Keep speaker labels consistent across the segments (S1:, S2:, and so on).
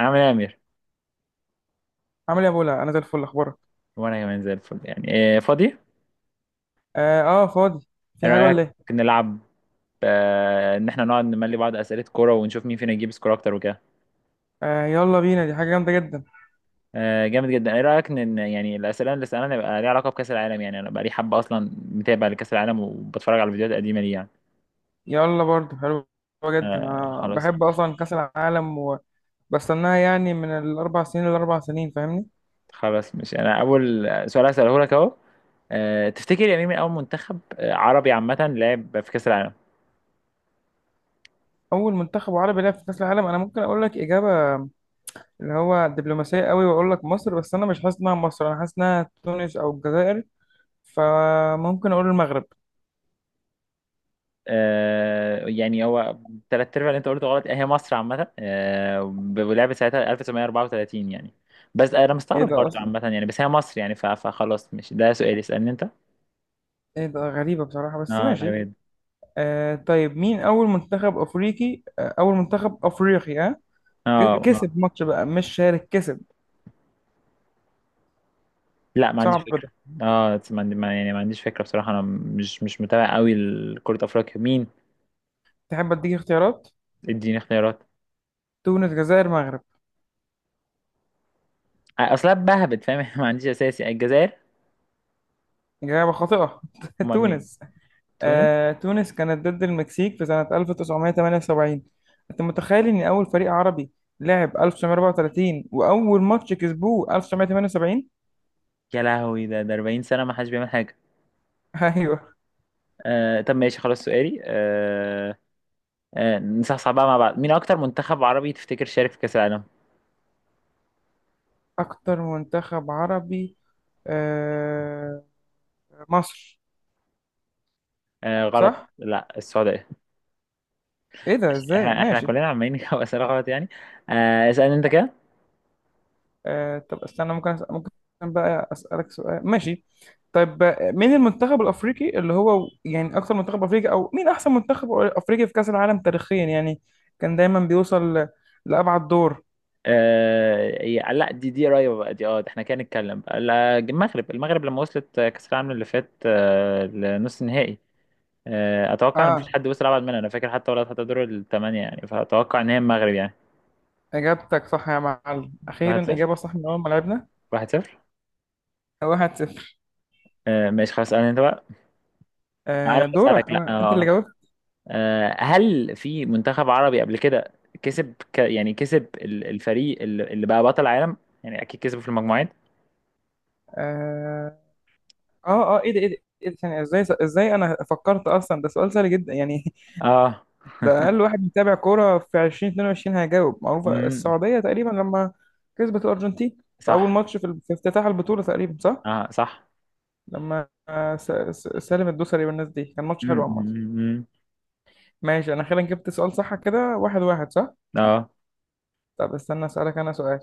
S1: عامل ايه يا امير؟
S2: عامل ايه يا بولا؟ انا زي الفل، اخبارك؟
S1: وانا كمان زي الفل، يعني إيه فاضي؟ ايه
S2: اه, آه، فاضي. في حاجه
S1: رايك؟
S2: ولا ايه؟
S1: يلا نلعب. آه ان احنا نقعد نملي بعض اسئله كوره ونشوف مين فينا يجيب سكور اكتر وكده.
S2: آه يلا بينا، دي حاجه جامده جدا.
S1: آه جامد جدا، ايه رايك ان يعني الاسئله اللي سالنا يبقى ليها علاقه بكاس العالم؟ يعني انا بقى لي حبه اصلا متابع لكاس العالم وبتفرج على الفيديوهات القديمه دي يعني.
S2: يلا، برضو حلوه جدا،
S1: آه
S2: انا
S1: خلاص
S2: بحب
S1: مش
S2: اصلا كاس العالم، وبستناها يعني من الاربع سنين للاربع سنين، فاهمني؟
S1: خلاص، مش انا اول سؤال هساله لك اهو. تفتكر يا مين من اول منتخب عربي عامه لعب في كاس العالم؟
S2: اول منتخب عربي لعب في كاس العالم؟ انا ممكن اقول لك اجابه، اللي هو دبلوماسيه قوي، واقول لك مصر. بس انا مش حاسس انها مصر، انا حاسس انها تونس او الجزائر، فممكن اقول المغرب.
S1: يعني هو تلات ارباع اللي انت قلته غلط، هي مصر عامة، ولعبت ساعتها 1934 يعني. بس انا
S2: ايه
S1: مستغرب
S2: ده
S1: برضو
S2: اصلا؟
S1: عامة، يعني بس هي مصر يعني فخلاص، مش ده سؤالي، اسألني انت.
S2: ايه ده؟ غريبه بصراحه، بس
S1: اه
S2: ماشي.
S1: غالبا.
S2: آه طيب، مين أول منتخب أفريقي؟ آه أول منتخب أفريقي، ها؟
S1: اه اه
S2: كسب ماتش بقى، مش شارك، كسب.
S1: لا، ما عنديش
S2: صعب
S1: فكرة.
S2: ده.
S1: اه، بس ما عندي ما- يعني ما عنديش فكرة بصراحة. انا مش متابع قوي لكرة افريقيا، مين؟
S2: تحب أديك اختيارات؟
S1: اديني اختيارات.
S2: تونس، جزائر، مغرب.
S1: اصلا بهبت فاهم ما عنديش اساسي، الجزائر.
S2: إجابة خاطئة.
S1: امال مين؟
S2: تونس.
S1: تونس.
S2: آه تونس كانت ضد المكسيك في سنة 1978. أنت متخيل إن أول فريق عربي لعب 1934، وأول ماتش كسبوه 1978؟
S1: يا لهوي، ده ده 40 سنة ما حدش بيعمل حاجة.
S2: أيوه.
S1: آه طب ماشي، خلاص سؤالي. نصحصح بقى مع بعض، مين اكتر منتخب عربي تفتكر شارك في كاس العالم؟
S2: أكتر منتخب عربي؟ آه، مصر.
S1: آه غلط،
S2: صح؟
S1: لا، السعوديه.
S2: إيه ده؟ إزاي؟
S1: احنا
S2: ماشي.
S1: كلنا عمالين نجاوب اسئله غلط يعني. آه اسالني انت كده.
S2: آه طب استنى، ممكن أسأل، ممكن بقى أسألك سؤال؟ ماشي. طيب آه، مين المنتخب الأفريقي اللي هو يعني أكثر منتخب أفريقي، أو مين أحسن منتخب أفريقي في كأس العالم تاريخيا، يعني كان دايما بيوصل لأبعد دور؟
S1: لا، دي قريبه بقى دي، اه ده احنا كده نتكلم بقى. لا، المغرب لما وصلت كاس العالم اللي فات آه لنص النهائي. آه اتوقع ان مفيش
S2: آه،
S1: حد وصل ابعد منها، انا فاكر حتى ولا حتى دور الثمانيه يعني، فاتوقع ان هي المغرب يعني.
S2: إجابتك صح يا معلم، أخيرا
S1: 1-0.
S2: إجابة صح من أول ما لعبنا.
S1: 1-0.
S2: واحد صفر.
S1: آه ماشي خلاص، اسالني انت بقى. انا
S2: آه
S1: بسالك،
S2: دورك،
S1: لا
S2: أنا أنت اللي
S1: اه.
S2: جاوبت.
S1: هل في منتخب عربي قبل كده كسب يعني كسب الفريق اللي بقى بطل العالم؟ يعني اكيد كسبوا في المجموعات.
S2: آه آه، إيه ده؟ ثانية، إزاي؟ إزاي أنا فكرت أصلا ده سؤال سهل جدا يعني؟
S1: اه.
S2: ده اقل واحد متابع كوره في 2022 هيجاوب، معروفه
S1: امم.
S2: السعوديه تقريبا لما كسبت الارجنتين في اول
S1: صح.
S2: ماتش، في افتتاح البطوله تقريبا، صح.
S1: اه صح.
S2: لما آه، سالم الدوسري والناس دي، كان ماتش
S1: امم،
S2: حلو عامه.
S1: أمم. أمم.
S2: ماشي، انا خيرا جبت سؤال صح كده، واحد واحد، صح.
S1: اه.
S2: طب استنى اسالك انا سؤال.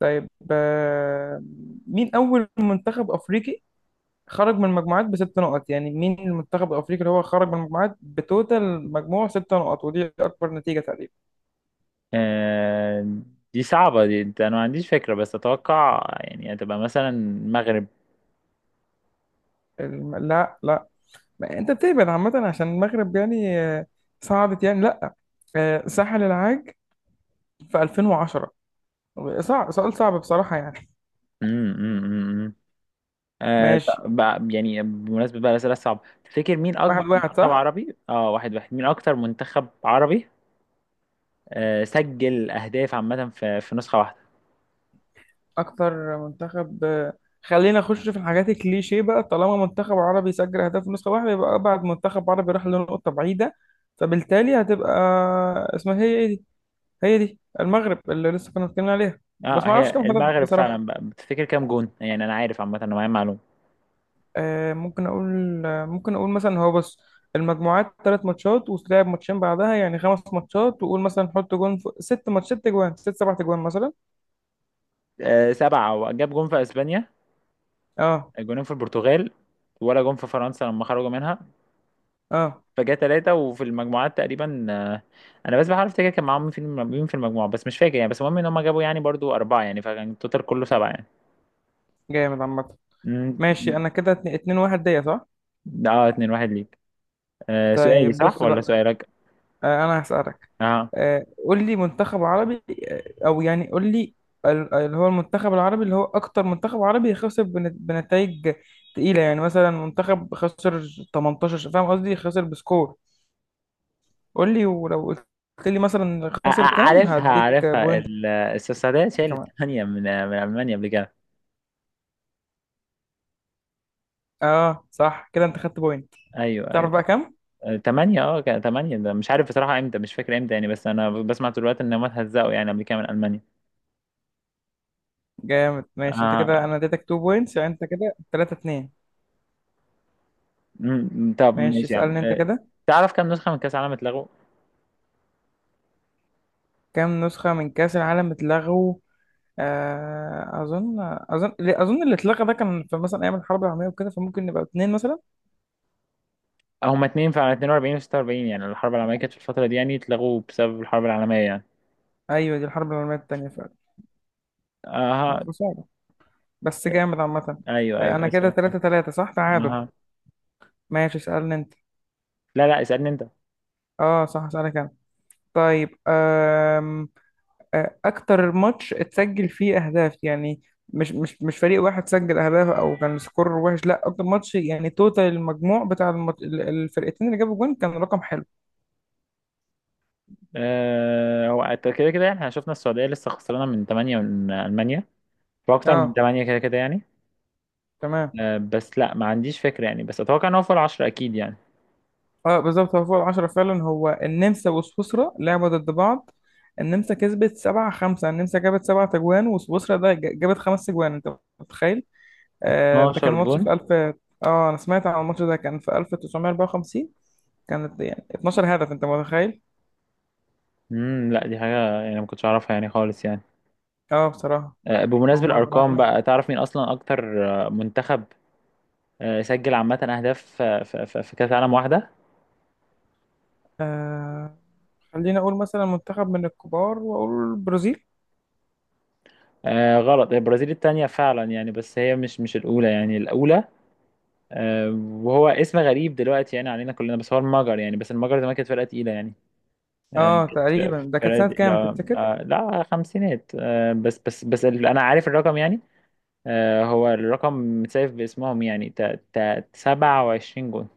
S2: طيب آه، مين اول منتخب افريقي خرج من المجموعات بست نقط؟ يعني مين المنتخب الافريقي اللي هو خرج من المجموعات بتوتال مجموع ست نقط؟ ودي اكبر نتيجه تقريبا.
S1: آه، دي صعبة دي، انت انا ما عنديش فكرة، بس اتوقع يعني هتبقى مثلا المغرب.
S2: لا لا، ما انت بتهبد عامة، عشان المغرب يعني آه، صعدت يعني، لا. آه، ساحل العاج في 2010. صعب، سؤال صعب بصراحة يعني.
S1: أمم، أمم. آه
S2: ماشي،
S1: طب بقى، يعني بمناسبة بقى الأسئلة الصعبة، تفتكر مين
S2: واحد
S1: أكبر
S2: واحد
S1: منتخب
S2: صح.
S1: عربي؟ اه واحد واحد. مين أكتر منتخب عربي سجل اهداف عامه في نسخه واحده؟
S2: اكتر منتخب آه، خلينا نخش في الحاجات الكليشيه بقى، طالما منتخب عربي سجل اهداف في نسخة واحدة، يبقى ابعد منتخب عربي راح لنقطة بعيدة، فبالتالي هتبقى، اسمها هي ايه دي، هي دي المغرب اللي لسه كنا بنتكلم عليها. بس
S1: اه
S2: ما اعرفش
S1: هي
S2: كام هدف
S1: المغرب
S2: بصراحة.
S1: فعلا بقى، بتفتكر كام جون؟ يعني انا عارف عامه، انا معايا معلومه.
S2: آه، ممكن اقول آه، ممكن اقول مثلا، هو بص، المجموعات ثلاث ماتشات وتلعب ماتشين بعدها يعني خمس ماتشات، وقول مثلا حط جون في ست ماتشات، ست جوان، ست سبع جوان مثلا.
S1: آه سبعه، وجاب جون في اسبانيا،
S2: اه
S1: جونين في البرتغال، ولا جون في فرنسا لما خرجوا منها،
S2: اه.
S1: فجاء ثلاثه، وفي المجموعات تقريبا آه، انا بس بحاول افتكر كان معاهم مين مين في المجموعه بس مش فاكر يعني. بس المهم ان هم جابوا يعني برضو اربعه يعني، فكان التوتال كله سبعه يعني.
S2: جامد عامة.
S1: مم.
S2: ماشي، انا كده اتنين اتنين، واحد ليا، صح؟
S1: اه 2 1 ليك. آه سؤالي
S2: طيب
S1: صح
S2: بص
S1: ولا
S2: بقى،
S1: سؤالك؟
S2: آه، انا هسألك،
S1: اه
S2: آه، قول لي منتخب عربي، آه، او يعني قول لي اللي هو المنتخب العربي اللي هو اكتر منتخب عربي خسر بنتائج تقيلة، يعني مثلا منتخب خسر 18، فاهم قصدي؟ خسر بسكور، قول لي، ولو قلت لي مثلا خسر كام
S1: عارفها
S2: هديك بوينت.
S1: السويسرية شالت
S2: كمان.
S1: ثمانية من من ألمانيا قبل كده.
S2: اه صح، كده انت خدت بوينت.
S1: أيوه
S2: تعرف
S1: أيوه
S2: بقى كام؟
S1: ثمانية. أه كان ثمانية، ده مش عارف بصراحة إمتى، مش فاكر إمتى يعني، بس أنا بسمع طول الوقت إن هم اتهزقوا يعني قبل كده من ألمانيا.
S2: جامد. ماشي، انت
S1: آه،
S2: كده انا اديتك 2 بوينتس، يعني انت كده 3 2.
S1: أمم، طب
S2: ماشي
S1: ماشي يا عم.
S2: اسالني انت كده.
S1: تعرف كام نسخة من كأس العالم اتلغوا؟
S2: كام نسخة من كأس العالم اتلغوا؟ آه اظن لا، اظن اللي اتلغى ده كان في مثلا ايام الحرب العالميه وكده، فممكن نبقى اتنين مثلا.
S1: هما اتنين فعلا، 42 و 46، يعني الحرب العالمية كانت في الفترة دي يعني، اتلغوا بسبب الحرب العالمية يعني.
S2: ايوه، دي الحرب العالميه التانيه فعلا. آه،
S1: اها.
S2: خساره، بس جامد عامه.
S1: ايوه
S2: آه،
S1: ايوه
S2: انا
S1: اسال
S2: كده
S1: انت.
S2: 3 3، صح، تعادل.
S1: اها.
S2: ماشي اسالني انت.
S1: لا لا، اسالني انت.
S2: اه صح، اسالك. طيب أكتر ماتش اتسجل فيه أهداف، يعني مش فريق واحد سجل أهداف أو كان سكور وحش، لا أكتر ماتش يعني توتال المجموع بتاع الفرقتين اللي جابوا جون كان رقم حلو.
S1: أه هو أنت كده كده يعني، احنا شفنا السعوديه لسه خسرانه من 8 من المانيا، واكتر من
S2: أه
S1: 8 كده كده يعني.
S2: تمام.
S1: بس لا ما عنديش فكرة يعني، بس اتوقع ان هو فوق العشرة اكيد يعني.
S2: أه بالظبط، هو فوق العشرة فعلا، هو النمسا وسويسرا لعبوا ضد بعض، النمسا كسبت سبعة خمسة، النمسا جابت سبعة أجوان وسويسرا ده جابت خمس أجوان، أنت متخيل؟ أه ده كان
S1: 12
S2: ماتش في
S1: جون.
S2: ألف، أه أنا سمعت عن الماتش ده كان في 1954، كانت يعني 12 هدف، انت متخيل؟
S1: امم، لا دي حاجة يعني ما كنتش اعرفها يعني خالص يعني.
S2: اه بصراحة. هو
S1: بمناسبة الارقام
S2: معلومة.
S1: بقى، تعرف مين اصلا اكتر منتخب سجل عامة اهداف في في كأس عالم واحدة؟
S2: آه خليني اقول مثلا منتخب من الكبار، واقول البرازيل.
S1: غلط، هي البرازيل التانية فعلا يعني، بس هي مش الاولى يعني. الاولى آه، وهو اسم غريب دلوقتي يعني علينا كلنا، بس هو المجر يعني، بس المجر زمان كانت فرقة تقيلة يعني
S2: اه
S1: كانت
S2: تقريبا
S1: في
S2: ده كانت سنة
S1: فرقة.
S2: كام
S1: لا
S2: تفتكر؟
S1: لا خمسينات، أنا عارف الرقم يعني. هو الرقم متسايف باسمهم يعني 27 جون.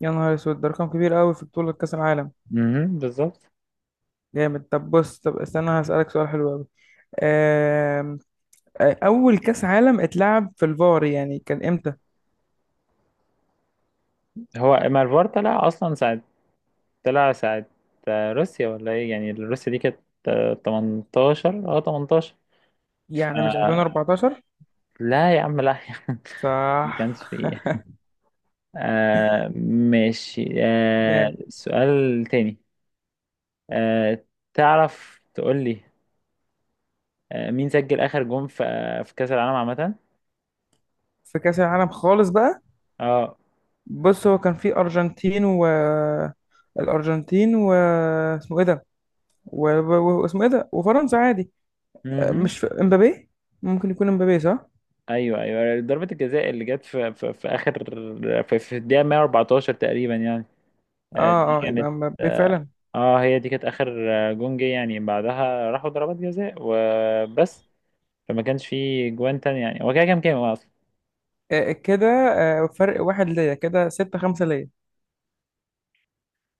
S2: يا نهار اسود، ده رقم كبير قوي في بطولة كأس العالم.
S1: امم، بالظبط.
S2: جامد. طب بص، طب استنى هسألك سؤال حلو قوي. آه، اول كأس عالم اتلعب في الفار يعني كان امتى؟
S1: هو مارفار طلع أصلا ساعة، طلع ساعة، روسيا ولا إيه؟ يعني روسيا دي كانت 18، أه 18.
S2: يعني مش 2014؟
S1: لا يا عم، لا يا عم،
S2: صح.
S1: ما كانش فيه. آه ماشي، آه
S2: جامد.
S1: سؤال تاني. آه تعرف تقول لي، مين سجل اخر جون في في كاس العالم عامه؟
S2: في كأس العالم خالص بقى؟
S1: اه.
S2: بص، هو كان في ارجنتين و الارجنتين و اسمه ايه ده، واسمه ايه ده، وفرنسا عادي. آه،
S1: امم.
S2: مش في امبابي؟ ممكن يكون امبابي، صح.
S1: ايوه، ضربه الجزاء اللي جت في في اخر، في الدقيقه 114 تقريبا يعني. دي
S2: اه اه، يبقى
S1: كانت.
S2: امبابي
S1: اه،
S2: فعلا.
S1: هي دي كانت اخر جون جه يعني، بعدها راحوا ضربات جزاء وبس، فما كانش في جوان تاني يعني. هو كده كام، كام اصلا؟
S2: آه كده، آه فرق واحد ليا، كده ستة خمسة ليا.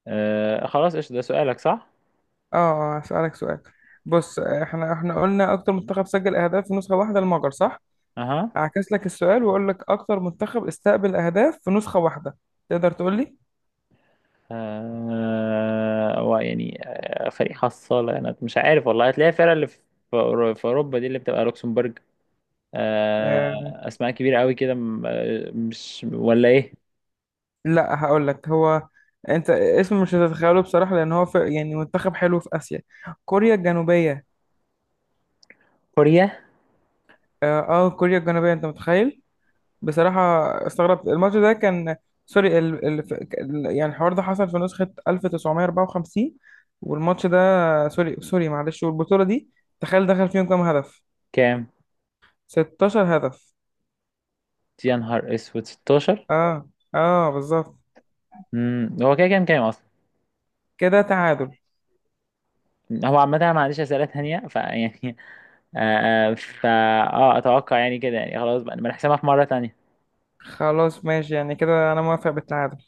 S1: آه خلاص، ايش ده سؤالك صح.
S2: اه آه، هسألك سؤال. بص آه، احنا قلنا اكتر منتخب سجل اهداف في نسخة واحدة المجر، صح.
S1: اها.
S2: اعكس لك السؤال واقول لك اكتر منتخب استقبل اهداف في نسخة واحدة، تقدر تقول لي؟
S1: هو يعني، فريق حصالة. انا مش عارف والله، هتلاقي الفرقة اللي في في اوروبا دي اللي بتبقى لوكسمبورج، آه،
S2: آه.
S1: اسماء كبيرة قوي كده مش ولا ايه؟
S2: لا هقول لك، هو انت اسمه مش هتتخيله بصراحة، لان هو في يعني منتخب حلو في اسيا، كوريا الجنوبية.
S1: كوريا.
S2: اه آه، كوريا الجنوبية، انت متخيل؟ بصراحة استغربت، الماتش ده كان، سوري يعني الحوار ده حصل في نسخة 1954، والماتش ده، سوري سوري معلش، والبطولة دي تخيل دخل فيهم كام هدف؟
S1: كام؟
S2: 16 هدف.
S1: يا نهار اسود، 16.
S2: اه اه بالظبط.
S1: امم، هو كده كام، كام اصلا؟
S2: كده تعادل.
S1: هو عامة أنا ما عنديش أسئلة تانية فيعني آه آه، فا اه أتوقع يعني كده يعني، خلاص بقى نبقى نحسبها في مرة تانية.
S2: خلاص ماشي، يعني كده انا موافق بالتعادل.